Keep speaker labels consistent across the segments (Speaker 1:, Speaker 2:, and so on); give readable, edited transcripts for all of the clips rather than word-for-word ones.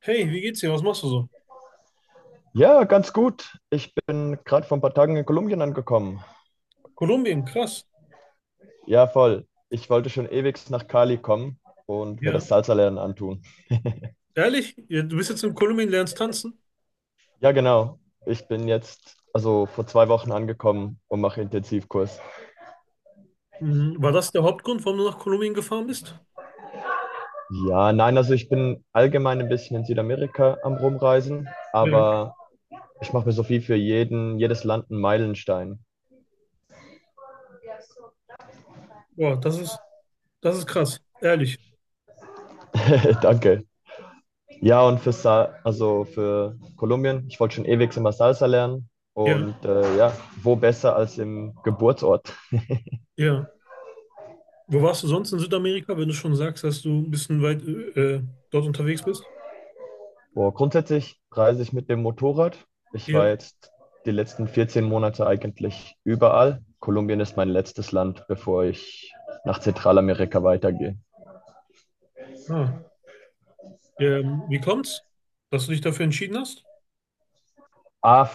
Speaker 1: Hey, wie geht's dir? Was machst du so?
Speaker 2: Ja, ganz gut. Ich bin gerade vor ein paar Tagen in Kolumbien angekommen.
Speaker 1: Kolumbien, krass.
Speaker 2: Ja, voll. Ich wollte schon ewig nach Cali kommen und mir
Speaker 1: Ja.
Speaker 2: das Salsa-Lernen antun.
Speaker 1: Ehrlich? Ja, du bist jetzt in Kolumbien, lernst tanzen?
Speaker 2: Ja, genau. Ich bin jetzt also vor 2 Wochen angekommen und mache Intensivkurs.
Speaker 1: Mhm. War das der Hauptgrund, warum du nach Kolumbien gefahren bist?
Speaker 2: Ja, nein, also ich bin allgemein ein bisschen in Südamerika am Rumreisen,
Speaker 1: Ja.
Speaker 2: aber ich mache mir so viel für jedes Land einen Meilenstein.
Speaker 1: Boah, das ist krass. Ehrlich.
Speaker 2: Danke. Ja, und für, Sa also für Kolumbien, ich wollte schon ewig immer Salsa lernen.
Speaker 1: Ja,
Speaker 2: Und ja, wo besser als im Geburtsort?
Speaker 1: ja. Wo warst du sonst in Südamerika, wenn du schon sagst, dass du ein bisschen weit dort unterwegs bist?
Speaker 2: Boah, grundsätzlich reise ich mit dem Motorrad. Ich war
Speaker 1: Ja.
Speaker 2: jetzt die letzten 14 Monate eigentlich überall. Kolumbien ist mein letztes Land, bevor ich nach Zentralamerika weitergehe.
Speaker 1: Ah. Wie kommt's, dass du dich dafür entschieden hast?
Speaker 2: Ah,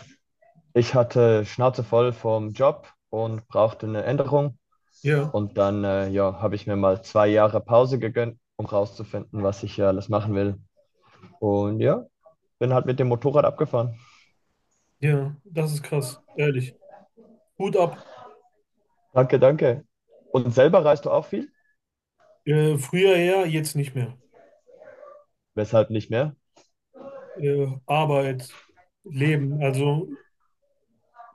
Speaker 2: ich hatte Schnauze voll vom Job und brauchte eine Änderung.
Speaker 1: Ja,
Speaker 2: Und dann ja, habe ich mir mal 2 Jahre Pause gegönnt, um rauszufinden, was ich ja alles machen will. Und ja, bin halt mit dem Motorrad abgefahren.
Speaker 1: ja, das ist krass. Ehrlich. Hut ab.
Speaker 2: Danke, danke. Und selber reist du auch viel?
Speaker 1: Früher ja, jetzt nicht mehr.
Speaker 2: Weshalb nicht mehr?
Speaker 1: Arbeit. Leben. Also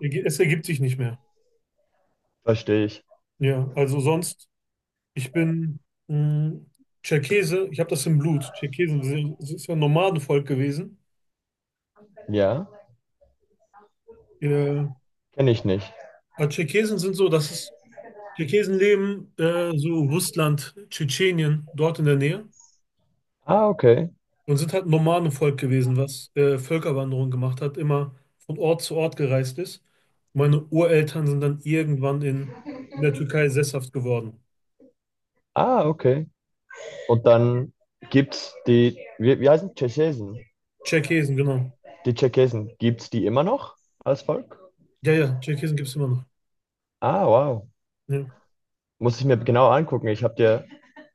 Speaker 1: Es ergibt sich nicht mehr.
Speaker 2: Verstehe ich.
Speaker 1: Ja, also sonst, ich bin mh, Tscherkesse, ich habe das im Blut. Es ist ja ein Nomadenvolk gewesen.
Speaker 2: Ja,
Speaker 1: Ja.
Speaker 2: kenne ich nicht.
Speaker 1: Aber Tscherkesen sind so, das ist, Tscherkesen leben so Russland, Tschetschenien, dort in der Nähe
Speaker 2: Ah, okay.
Speaker 1: und sind halt ein Nomadenvolk gewesen, was Völkerwanderung gemacht hat, immer von Ort zu Ort gereist ist. Meine Ureltern sind dann irgendwann in der Türkei sesshaft geworden.
Speaker 2: Ah, okay. Und dann gibt's die, wie heißen Tschechesen?
Speaker 1: Tscherkesen, genau.
Speaker 2: Die Tschechesen, gibt's die immer noch als Volk?
Speaker 1: Ja, ja, Tscherkesen gibt es immer noch.
Speaker 2: Ah, wow.
Speaker 1: Ja.
Speaker 2: Muss ich mir genau angucken.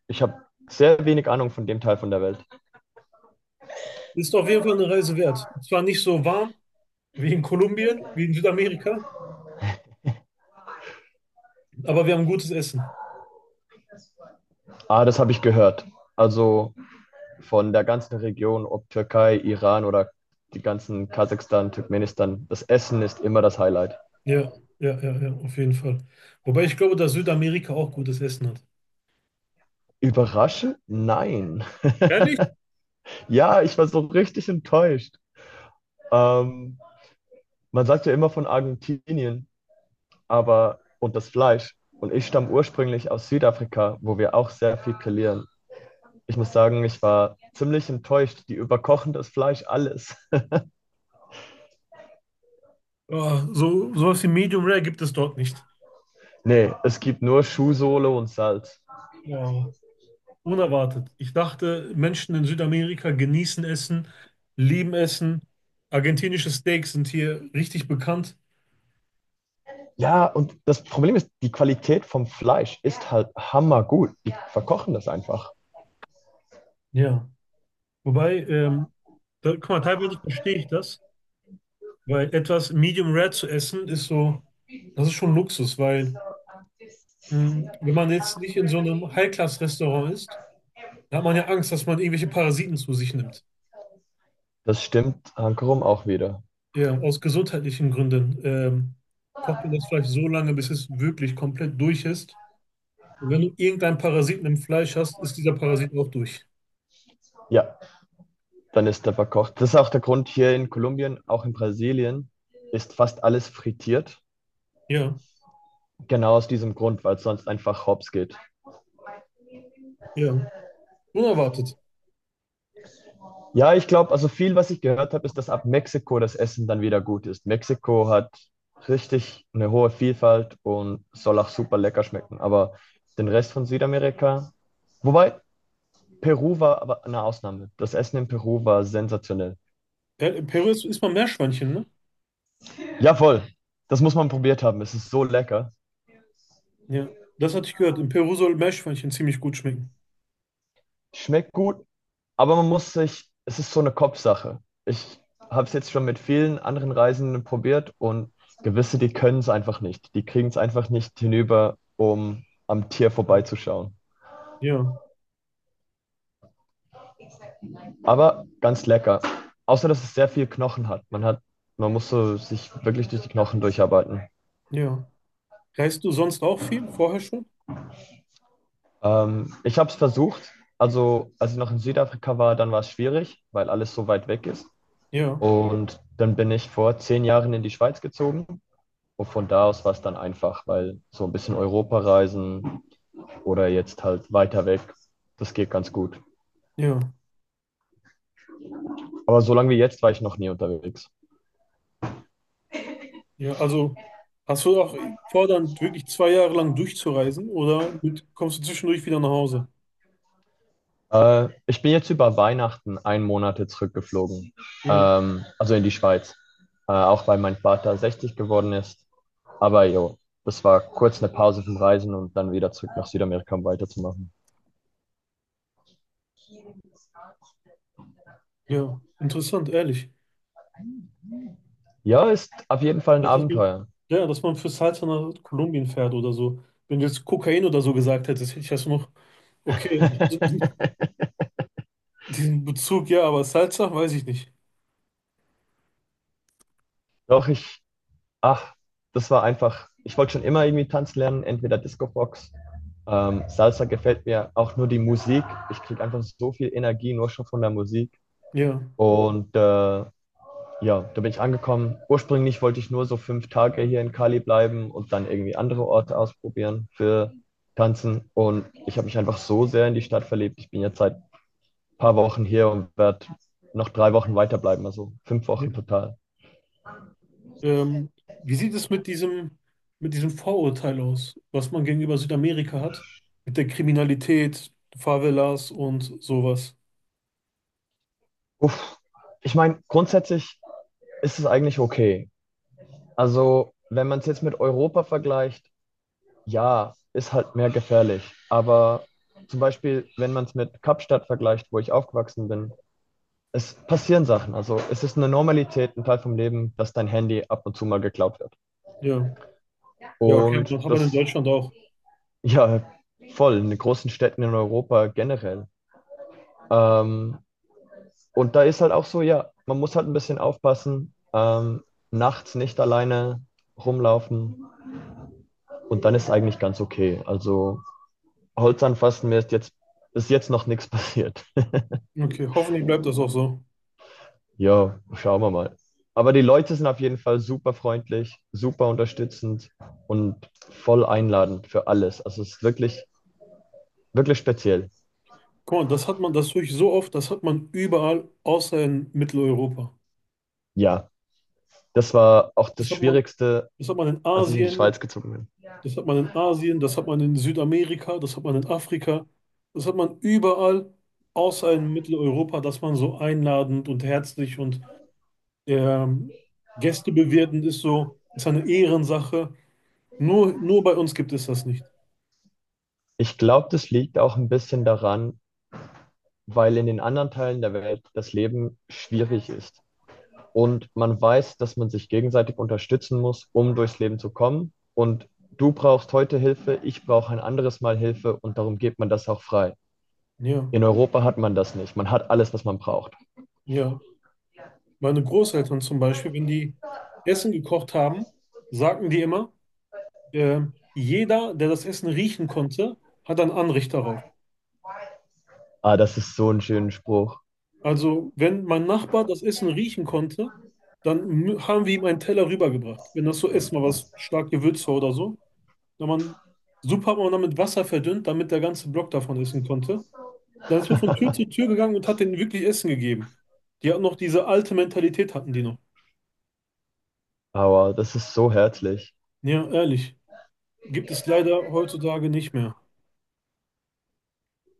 Speaker 2: Ich habe sehr wenig Ahnung von dem Teil von der Welt.
Speaker 1: Ist auf jeden Fall eine Reise wert. Zwar nicht so warm wie in Kolumbien, wie in Südamerika, aber wir haben gutes Essen.
Speaker 2: Ah, das habe ich gehört. Also von der ganzen Region, ob Türkei, Iran oder die ganzen Kasachstan, Turkmenistan, das Essen ist immer das Highlight.
Speaker 1: Ja, ja, ja, ja, auf jeden Fall. Wobei ich glaube, dass Südamerika auch gutes Essen hat.
Speaker 2: Überraschend? Nein.
Speaker 1: Ehrlich?
Speaker 2: Ja, ich war so richtig enttäuscht. Ähm, Man sagt ja immer von Argentinien, aber und das Fleisch. Und ich stamme ursprünglich aus Südafrika, wo wir auch sehr viel grillieren. Ich muss sagen, ich war ziemlich enttäuscht. Die überkochen das Fleisch alles.
Speaker 1: Ja, sowas wie Medium Rare gibt es dort nicht.
Speaker 2: Nee, es gibt nur Schuhsohle und Salz.
Speaker 1: Ja, unerwartet. Ich dachte, Menschen in Südamerika genießen Essen, lieben Essen. Argentinische Steaks sind hier richtig bekannt.
Speaker 2: Ja, und das Problem ist, die Qualität vom Fleisch ist halt hammergut. Die verkochen das einfach.
Speaker 1: Ja. Wobei, da, guck mal, teilweise verstehe ich das. Weil etwas Medium Rare zu essen ist so, das ist schon Luxus, weil wenn man jetzt nicht in so einem High-Class-Restaurant ist, dann hat man ja Angst, dass man irgendwelche Parasiten zu sich nimmt.
Speaker 2: Das stimmt Hankerum auch wieder.
Speaker 1: Ja, aus gesundheitlichen Gründen kocht man das Fleisch so lange, bis es wirklich komplett durch ist. Und wenn du irgendeinen Parasiten im Fleisch hast, ist dieser Parasit auch durch.
Speaker 2: Ja, dann ist der verkocht. Das ist auch der Grund hier in Kolumbien, auch in Brasilien, ist fast alles frittiert.
Speaker 1: Ja,
Speaker 2: Genau aus diesem Grund, weil es sonst einfach hops geht.
Speaker 1: ja. Unerwartet.
Speaker 2: Ja, ich glaube, also viel, was ich gehört habe, ist, dass ab Mexiko das Essen dann wieder gut ist. Mexiko hat richtig eine hohe Vielfalt und soll auch super lecker schmecken. Aber den Rest von Südamerika. Wobei, Peru war aber eine Ausnahme. Das Essen in Peru war sensationell.
Speaker 1: Ja, in Peru isst man Meerschweinchen, ne?
Speaker 2: Ja, voll. Das muss man probiert haben. Es ist so lecker.
Speaker 1: Ja, das hatte ich gehört. In Peru soll Meerschweinchen ziemlich gut schmecken.
Speaker 2: Schmeckt gut, aber man muss sich, es ist so eine Kopfsache. Ich habe es jetzt schon mit vielen anderen Reisenden probiert und gewisse, die können es einfach nicht. Die kriegen es einfach nicht hinüber, um am Tier vorbeizuschauen.
Speaker 1: Ja,
Speaker 2: Aber ganz lecker. Außer, dass es sehr viel Knochen hat. Man muss so sich wirklich durch die Knochen durcharbeiten.
Speaker 1: ja. Reist du sonst auch viel? Vorher schon?
Speaker 2: Ich habe es versucht. Also, als ich noch in Südafrika war, dann war es schwierig, weil alles so weit weg ist.
Speaker 1: Ja,
Speaker 2: Und dann bin ich vor 10 Jahren in die Schweiz gezogen. Und von da aus war es dann einfach, weil so ein bisschen Europa reisen oder jetzt halt weiter weg, das geht ganz gut.
Speaker 1: ja,
Speaker 2: Aber so lange wie jetzt war ich noch nie unterwegs.
Speaker 1: ja. Also hast du auch vor, dann wirklich 2 Jahre lang durchzureisen oder kommst du zwischendurch wieder nach Hause?
Speaker 2: Ich bin jetzt über Weihnachten einen Monat zurückgeflogen,
Speaker 1: Ja,
Speaker 2: also in die Schweiz. Auch weil mein Vater 60 geworden ist. Aber jo, das war kurz eine Pause vom Reisen und dann wieder zurück nach Südamerika, um weiterzumachen.
Speaker 1: ja. Interessant, ehrlich.
Speaker 2: Ja, ist auf jeden Fall ein
Speaker 1: Richtig.
Speaker 2: Abenteuer.
Speaker 1: Ja, dass man fürs Salz nach Kolumbien fährt oder so. Wenn du jetzt Kokain oder so gesagt hättest, hätte ich das noch, okay, diesen Bezug, ja, aber Salsa, weiß ich nicht.
Speaker 2: Doch ach, das war einfach, ich wollte schon immer irgendwie tanzen lernen, entweder Discobox. Salsa gefällt mir auch nur die Musik. Ich kriege einfach so viel Energie nur schon von der Musik.
Speaker 1: Ja,
Speaker 2: Und ja, da bin ich angekommen. Ursprünglich wollte ich nur so 5 Tage hier in Cali bleiben und dann irgendwie andere Orte ausprobieren für Tanzen. Und ich habe mich einfach so sehr in die Stadt verliebt. Ich bin jetzt seit ein paar Wochen hier und werde noch 3 Wochen weiterbleiben, also 5 Wochen total.
Speaker 1: Ähm, wie sieht es mit diesem Vorurteil aus, was man gegenüber Südamerika hat? Mit der Kriminalität, Favelas und sowas.
Speaker 2: Uff. Ich meine, grundsätzlich ist es eigentlich okay. Also, wenn man es jetzt mit Europa vergleicht, ja, ist halt mehr gefährlich. Aber zum Beispiel, wenn man es mit Kapstadt vergleicht, wo ich aufgewachsen bin, es passieren Sachen. Also es ist eine Normalität, ein Teil vom Leben, dass dein Handy ab und zu mal geklaut wird.
Speaker 1: Ja. Ja, okay.
Speaker 2: Und
Speaker 1: Das hat man in
Speaker 2: das,
Speaker 1: Deutschland auch.
Speaker 2: ja, voll, in den großen Städten in Europa generell. Ähm, und da ist halt auch so, ja, man muss halt ein bisschen aufpassen, nachts nicht alleine rumlaufen und dann ist es eigentlich ganz okay. Also Holz anfassen, mir ist jetzt noch nichts passiert.
Speaker 1: Okay, hoffentlich bleibt das auch so.
Speaker 2: Ja, schauen wir mal. Aber die Leute sind auf jeden Fall super freundlich, super unterstützend und voll einladend für alles. Also es ist wirklich, wirklich speziell.
Speaker 1: Guck mal, das höre ich so oft, das hat man überall außer in Mitteleuropa.
Speaker 2: Ja, das war auch das
Speaker 1: Das hat man,
Speaker 2: Schwierigste,
Speaker 1: das hat man in
Speaker 2: als ich in die
Speaker 1: Asien,
Speaker 2: Schweiz gezogen bin.
Speaker 1: das hat man in Südamerika, das hat man in Afrika, das hat man überall außer in Mitteleuropa, dass man so einladend und herzlich und Ähm, Gäste bewirten ist so, ist eine Ehrensache. Nur bei uns gibt es das nicht.
Speaker 2: Ich glaube, das liegt auch ein bisschen daran, weil in den anderen Teilen der Welt das Leben schwierig ist. Und man weiß, dass man sich gegenseitig unterstützen muss, um durchs Leben zu kommen. Und du brauchst heute Hilfe, ich brauche ein anderes Mal Hilfe und darum geht man das auch frei.
Speaker 1: Ja,
Speaker 2: In Europa hat man das nicht. Man hat alles, was man braucht.
Speaker 1: ja. Meine Großeltern zum Beispiel, wenn die Essen gekocht haben, sagten die immer, jeder, der das Essen riechen konnte, hat ein Anrecht darauf.
Speaker 2: Ah, das ist so ein schöner Spruch.
Speaker 1: Also, wenn mein Nachbar das Essen riechen konnte, dann haben wir ihm einen Teller rübergebracht. Wenn das so erstmal was stark gewürzt war oder so, dann man, Suppe hat man dann mit Wasser verdünnt, damit der ganze Block davon essen konnte. Dann ist man von Tür zu Tür gegangen und hat denen wirklich Essen gegeben. Die hatten noch diese alte Mentalität, hatten die noch.
Speaker 2: Aber das ist so herzlich.
Speaker 1: Ja, ehrlich. Gibt es leider heutzutage nicht mehr.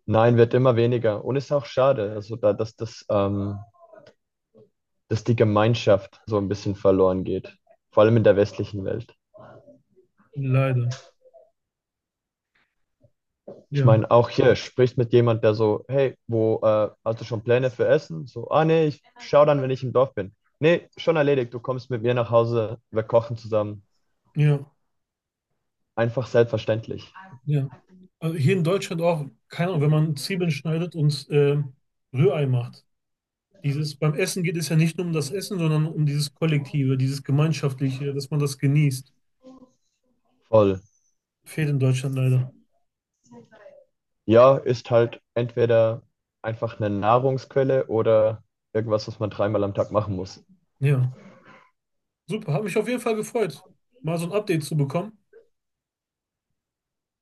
Speaker 2: Nein, wird immer weniger. Und ist auch schade, also dass die Gemeinschaft so ein bisschen verloren geht. Vor allem in der westlichen Welt.
Speaker 1: Leider.
Speaker 2: Ich
Speaker 1: Ja,
Speaker 2: meine, auch hier sprichst mit jemand, der so, hey, wo, hast du schon Pläne für Essen? So, ah nee, ich schau dann, wenn ich im Dorf bin. Nee, schon erledigt. Du kommst mit mir nach Hause, wir kochen zusammen.
Speaker 1: ja,
Speaker 2: Einfach selbstverständlich.
Speaker 1: ja. Also hier in Deutschland auch, keine Ahnung, wenn man Zwiebeln schneidet und Rührei macht. Beim Essen geht es ja nicht nur um das Essen, sondern um dieses Kollektive, dieses Gemeinschaftliche, dass man das genießt.
Speaker 2: Voll.
Speaker 1: Fehlt in Deutschland leider.
Speaker 2: Ja, ist halt entweder einfach eine Nahrungsquelle oder irgendwas, was man dreimal am Tag machen muss.
Speaker 1: Ja. Super, hat mich auf jeden Fall gefreut, mal so ein Update zu bekommen.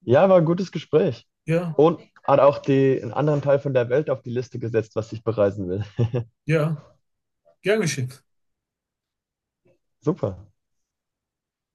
Speaker 2: Ja, war ein gutes Gespräch.
Speaker 1: Ja,
Speaker 2: Und hat auch einen anderen Teil von der Welt auf die Liste gesetzt, was ich bereisen will.
Speaker 1: ja, gern geschehen.
Speaker 2: Super.